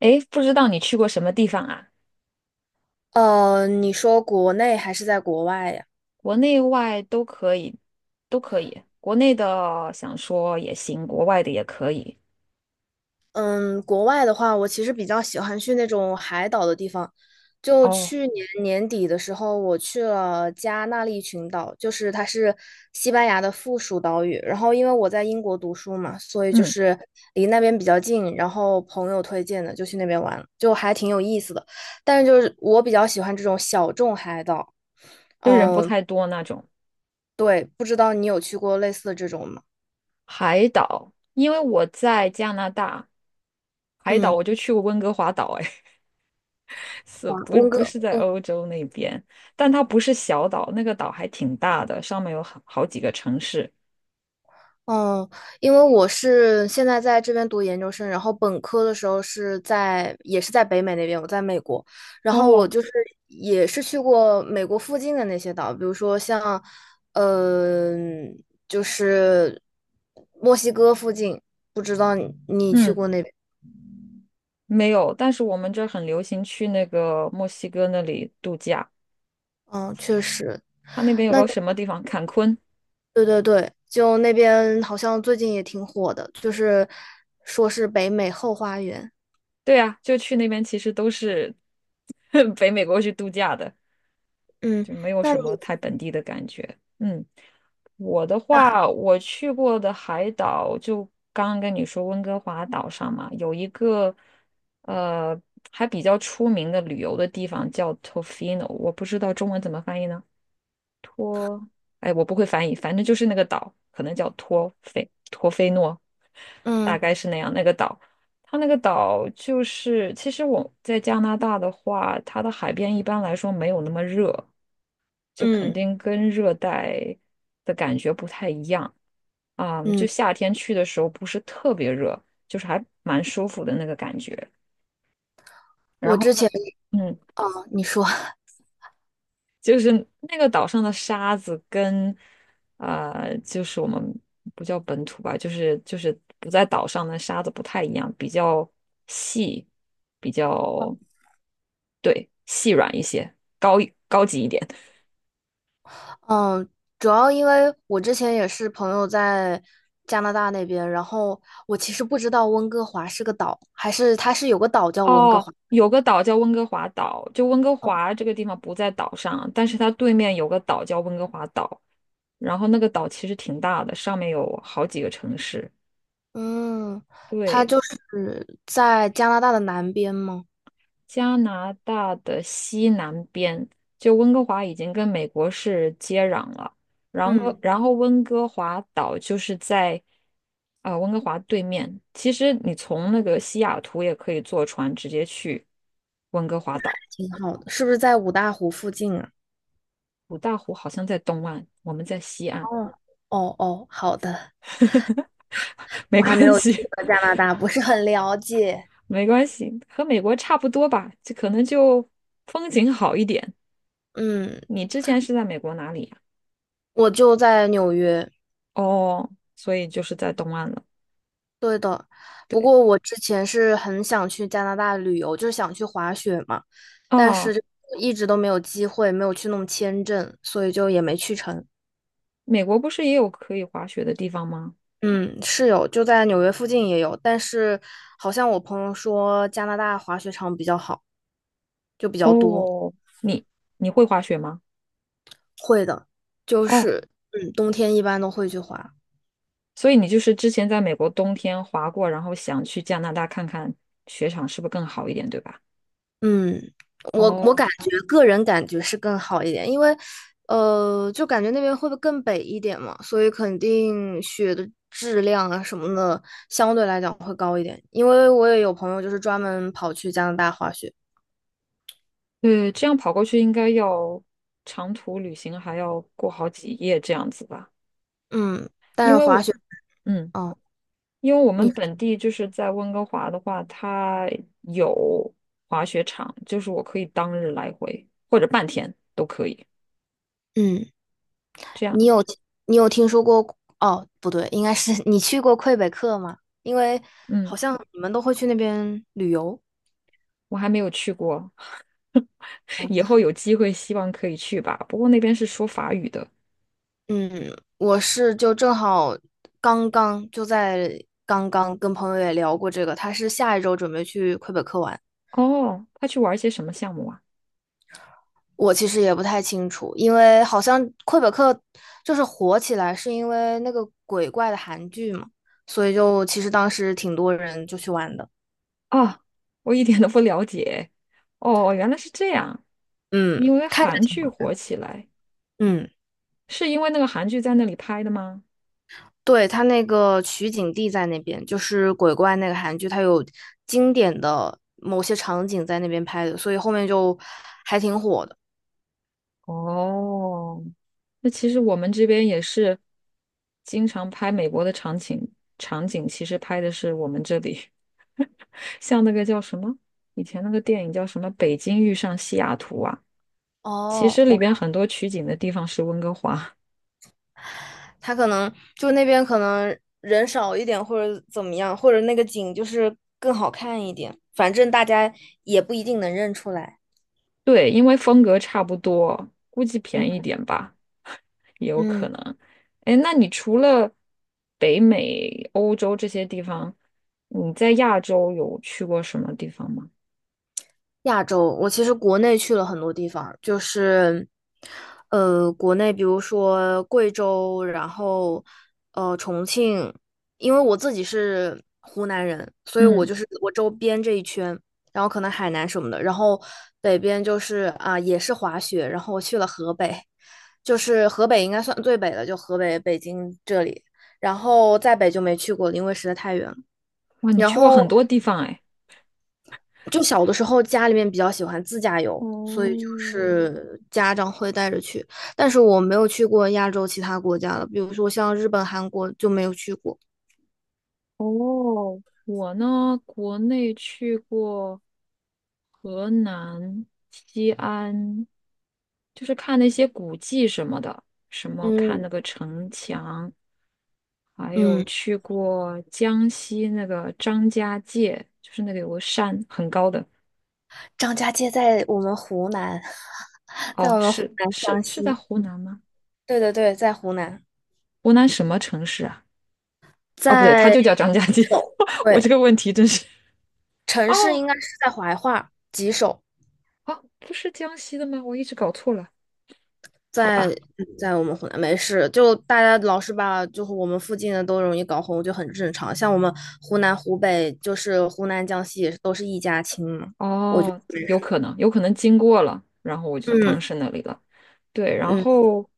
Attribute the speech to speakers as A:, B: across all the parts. A: 诶，不知道你去过什么地方啊？
B: 你说国内还是在国外呀？
A: 国内外都可以，都可以。国内的想说也行，国外的也可以。
B: 嗯，国外的话，我其实比较喜欢去那种海岛的地方。就
A: 哦，
B: 去年年底的时候，我去了加那利群岛，就是它是西班牙的附属岛屿。然后因为我在英国读书嘛，所以就
A: 嗯，
B: 是离那边比较近，然后朋友推荐的就去那边玩，就还挺有意思的。但是就是我比较喜欢这种小众海岛。
A: 就人不
B: 嗯，
A: 太多那种。
B: 对，不知道你有去过类似的这种吗？
A: 海岛，因为我在加拿大，海岛
B: 嗯。
A: 我就去过温哥华岛，哎，是
B: 啊，
A: 不
B: 温
A: 不
B: 哥，
A: 是在
B: 嗯
A: 欧洲那边？但它不是小岛，那个岛还挺大的，上面有好几个城市。
B: 哦，因为我是现在在这边读研究生，然后本科的时候也是在北美那边，我在美国，然后我
A: 哦，
B: 就是也是去过美国附近的那些岛，比如说像，就是墨西哥附近，不知道你去
A: 嗯，
B: 过那边？
A: 没有，但是我们这儿很流行去那个墨西哥那里度假。
B: 嗯，确实，
A: 它那边有
B: 那
A: 个什么地方？坎昆。
B: 对对对，就那边好像最近也挺火的，就是说是北美后花园。
A: 对啊，就去那边其实都是 北美国去度假的，
B: 嗯，
A: 就没有
B: 那
A: 什么
B: 你
A: 太本地的感觉。嗯，我的话，我去过的海岛就刚刚跟你说温哥华岛上嘛，有一个呃还比较出名的旅游的地方叫 Tofino，我不知道中文怎么翻译呢。哎，我不会翻译，反正就是那个岛，可能叫托菲诺，大
B: 嗯
A: 概是那样。那个岛，它那个岛就是，其实我在加拿大的话，它的海边一般来说没有那么热，就肯
B: 嗯。
A: 定跟热带的感觉不太一样啊，就
B: 嗯
A: 夏天去的时候不是特别热，就是还蛮舒服的那个感觉。然
B: 我
A: 后
B: 之
A: 呢，
B: 前，
A: 嗯。
B: 哦，你说，
A: 就是那个岛上的沙子跟，就是我们不叫本土吧，就是不在岛上的沙子不太一样，比较细，比较对细软一些，高级一点。
B: 嗯，主要因为我之前也是朋友在加拿大那边，然后我其实不知道温哥华是个岛，还是它是有个岛叫温哥
A: 哦，
B: 华。
A: 有个岛叫温哥华岛，就温哥华这个地方不在岛上，但是它对面有个岛叫温哥华岛，然后那个岛其实挺大的，上面有好几个城市。
B: 嗯，它
A: 对。
B: 就是在加拿大的南边吗？
A: 加拿大的西南边，就温哥华已经跟美国是接壤了，然后
B: 嗯，
A: 然后温哥华岛就是在温哥华对面。其实你从那个西雅图也可以坐船直接去温哥华岛。
B: 挺好的，是不是在五大湖附近啊？
A: 五大湖好像在东岸，我们在西岸，
B: 哦，哦哦，好的，
A: 没
B: 我还没
A: 关
B: 有去
A: 系，
B: 过加拿大，不是很了解。
A: 没关系，和美国差不多吧，就可能就风景好一点。
B: 嗯，
A: 你之前是在美国哪里呀？
B: 我就在纽约，
A: 哦，所以就是在东岸了。
B: 对的，不
A: 对。
B: 过我之前是很想去加拿大旅游，就是想去滑雪嘛，但是
A: 哦，
B: 就一直都没有机会，没有去弄签证，所以就也没去成。
A: 美国不是也有可以滑雪的地方吗？
B: 嗯，是有，就在纽约附近也有，但是好像我朋友说加拿大滑雪场比较好，就比较多。
A: 哦，你你会滑雪吗？
B: 会的，就
A: 哦，
B: 是冬天一般都会去滑。
A: 所以你就是之前在美国冬天滑过，然后想去加拿大看看雪场是不是更好一点，对吧？
B: 嗯，我感
A: 哦，
B: 觉个人感觉是更好一点，因为，就感觉那边会不会更北一点嘛，所以肯定雪的质量啊什么的相对来讲会高一点。因为我也有朋友就是专门跑去加拿大滑雪，
A: 对，这样跑过去应该要长途旅行，还要过好几夜这样子吧？
B: 嗯，但
A: 因
B: 是
A: 为
B: 滑
A: 我
B: 雪，
A: 嗯，
B: 哦，
A: 因为我
B: 你，
A: 们本地就是在温哥华的话，它有滑雪场，就是我可以当日来回或者半天都可以，
B: 嗯，
A: 这样，
B: 你有你有听说过？哦，不对，应该是 你去过魁北克吗？因为
A: 嗯。
B: 好像你们都会去那边旅游。
A: 我还没有去过，以后有机会希望可以去吧。不过那边是说法语的。
B: 嗯，我是就正好刚刚就在刚刚跟朋友也聊过这个，他是下一周准备去魁北克玩。
A: 哦，他去玩一些什么项目啊？
B: 我其实也不太清楚，因为好像魁北克就是火起来是因为那个鬼怪的韩剧嘛，所以就其实当时挺多人就去玩的。
A: 啊，我一点都不了解。哦，原来是这样。
B: 嗯
A: 因为韩剧火起来，
B: 嗯，
A: 是因为那个韩剧在那里拍的吗？
B: 对，他那个取景地在那边，就是鬼怪那个韩剧，他有经典的某些场景在那边拍的，所以后面就还挺火的。
A: 哦，那其实我们这边也是经常拍美国的场景，场景其实拍的是我们这里，像那个叫什么，以前那个电影叫什么《北京遇上西雅图》啊？其
B: 哦，
A: 实
B: 我。
A: 里边很多取景的地方是温哥华，
B: 他可能就那边可能人少一点，或者怎么样，或者那个景就是更好看一点。反正大家也不一定能认出来。
A: 对，因为风格差不多，估计便宜一
B: 嗯
A: 点吧，也有
B: 嗯。
A: 可能。哎，那你除了北美、欧洲这些地方，你在亚洲有去过什么地方吗？
B: 亚洲，我其实国内去了很多地方，就是，国内比如说贵州，然后重庆，因为我自己是湖南人，所以我
A: 嗯，
B: 就是我周边这一圈，然后可能海南什么的，然后北边就是也是滑雪，然后我去了河北，就是河北应该算最北的，就河北北京这里，然后再北就没去过了因为实在太远了。
A: 哇，你
B: 然
A: 去过
B: 后
A: 很多地方哎。
B: 就小的时候家里面比较喜欢自驾游，所以就
A: 哦，
B: 是家长会带着去，但是我没有去过亚洲其他国家了，比如说像日本、韩国就没有去过。
A: 哦，我呢，国内去过河南、西安，就是看那些古迹什么的，什么看
B: 嗯
A: 那个城墙，还有
B: 嗯，
A: 去过江西那个张家界，就是那个有个山很高的。
B: 张家界在我们湖南，在
A: 哦，
B: 我们湖
A: 是
B: 南
A: 是
B: 湘
A: 是在
B: 西。
A: 湖南吗？
B: 对对对，在湖南，
A: 湖南什么城市啊？哦，不对，它
B: 在
A: 就叫张家
B: 吉
A: 界。
B: 首。
A: 我
B: 对，
A: 这个问题真是……
B: 城市
A: 哦，
B: 应该是在怀化，吉首。
A: 哦，不是江西的吗？我一直搞错了，好
B: 在
A: 吧。
B: 在我们湖南没事，就大家老是把就是我们附近的都容易搞混，就很正常。像我们湖南、湖北，就是湖南、江西也是都是一家亲嘛。
A: 哦，有可能，有可能经过了，然后我就
B: 嗯
A: 当是那里了。对，然
B: 嗯
A: 后，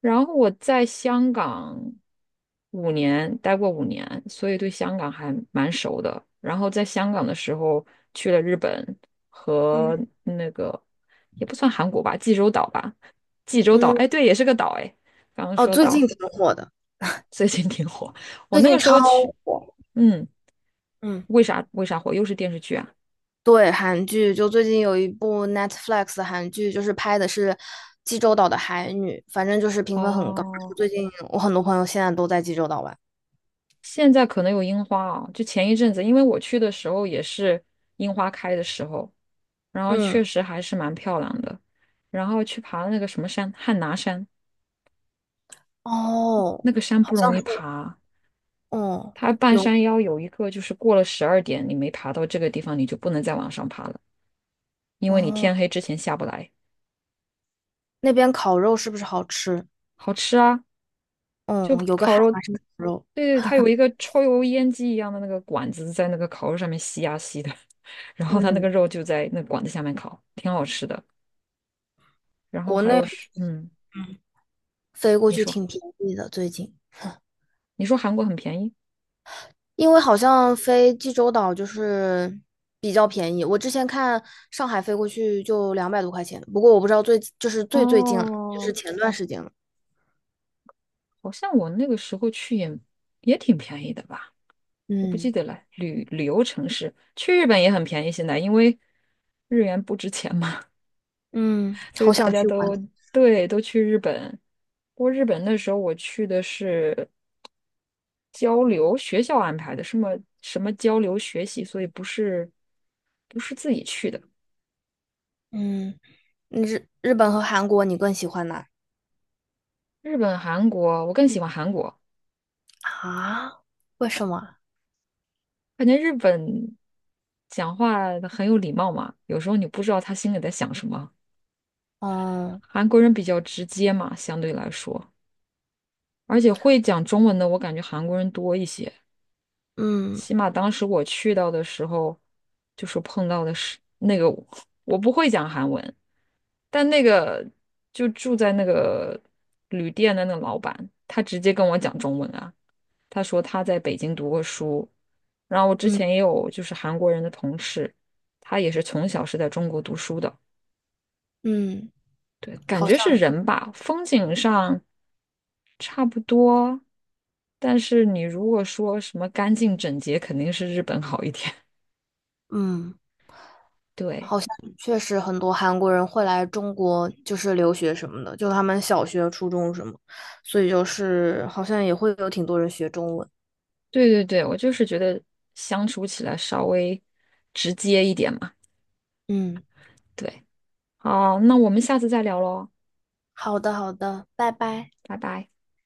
A: 然后我在香港五年，待过五年，所以对香港还蛮熟的。然后在香港的时候，去了日本
B: 嗯
A: 和那个也不算韩国吧，济州岛吧，济州岛，
B: 嗯，
A: 哎，对，也是个岛，哎，刚刚
B: 哦，
A: 说
B: 最
A: 岛，
B: 近挺火的，
A: 最近挺火。我
B: 最
A: 那
B: 近
A: 个时
B: 超
A: 候去，
B: 火。
A: 嗯，
B: 嗯，
A: 为啥火？又是电视剧啊？
B: 对，韩剧就最近有一部 Netflix 的韩剧，就是拍的是济州岛的海女，反正就是评分很高。
A: 哦，
B: 最近我很多朋友现在都在济州岛玩。
A: 现在可能有樱花啊，就前一阵子，因为我去的时候也是樱花开的时候，然后确
B: 嗯，
A: 实还是蛮漂亮的。然后去爬那个什么山，汉拿山，
B: 哦，
A: 那个山
B: 好
A: 不
B: 像
A: 容易
B: 是，
A: 爬，
B: 哦，
A: 它半
B: 有，
A: 山腰有一个就是过了12点，你没爬到这个地方，你就不能再往上爬了，因为你
B: 哦。
A: 天黑之前下不来。
B: 那边烤肉是不是好吃？
A: 好吃啊，就
B: 嗯，有个
A: 烤
B: 汉
A: 肉，
B: 拿生烤肉，
A: 对对，它有一个抽油烟机一样的那个管子在那个烤肉上面吸呀、吸的，然后它那
B: 嗯，
A: 个肉就在那管子下面烤，挺好吃的。然后
B: 国
A: 还
B: 内
A: 有是，嗯，
B: 飞过
A: 你
B: 去
A: 说，
B: 挺便宜的，最近，
A: 你说韩国很便宜，
B: 因为好像飞济州岛就是比较便宜。我之前看上海飞过去就200多块钱，不过我不知道最近了，就
A: 哦，
B: 是前段时间了。
A: 好像我那个时候去也也挺便宜的吧，我不记
B: 嗯
A: 得了。旅游城市去日本也很便宜，现在因为日元不值钱嘛，
B: 嗯，
A: 所以
B: 好
A: 大
B: 想
A: 家
B: 去玩。
A: 都对都去日本。不过日本那时候我去的是交流，学校安排的，什么交流学习，所以不是自己去的。
B: 嗯，日本和韩国你更喜欢哪？
A: 日本、韩国，我更喜欢韩国。
B: 啊？为什么？
A: 感觉日本讲话很有礼貌嘛，有时候你不知道他心里在想什么。
B: 哦，
A: 韩国人比较直接嘛，相对来说，而且会讲中文的，我感觉韩国人多一些。
B: 嗯
A: 起码当时我去到的时候，就是碰到的是那个我，不会讲韩文，但那个就住在那个旅店的那个老板，他直接跟我讲中文啊，他说他在北京读过书，然后我之
B: 嗯
A: 前也有就是韩国人的同事，他也是从小是在中国读书的。
B: 嗯，
A: 对，感
B: 好像，
A: 觉是人吧，风景上差不多，但是你如果说什么干净整洁，肯定是日本好一点。
B: 嗯。
A: 对，
B: 好像确实很多韩国人会来中国，就是留学什么的，就他们小学、初中什么，所以就是好像也会有挺多人学中文。
A: 对对对，我就是觉得相处起来稍微直接一点嘛。
B: 嗯，
A: 对，好，那我们下次再聊喽，
B: 好的，好的，拜拜。
A: 拜拜。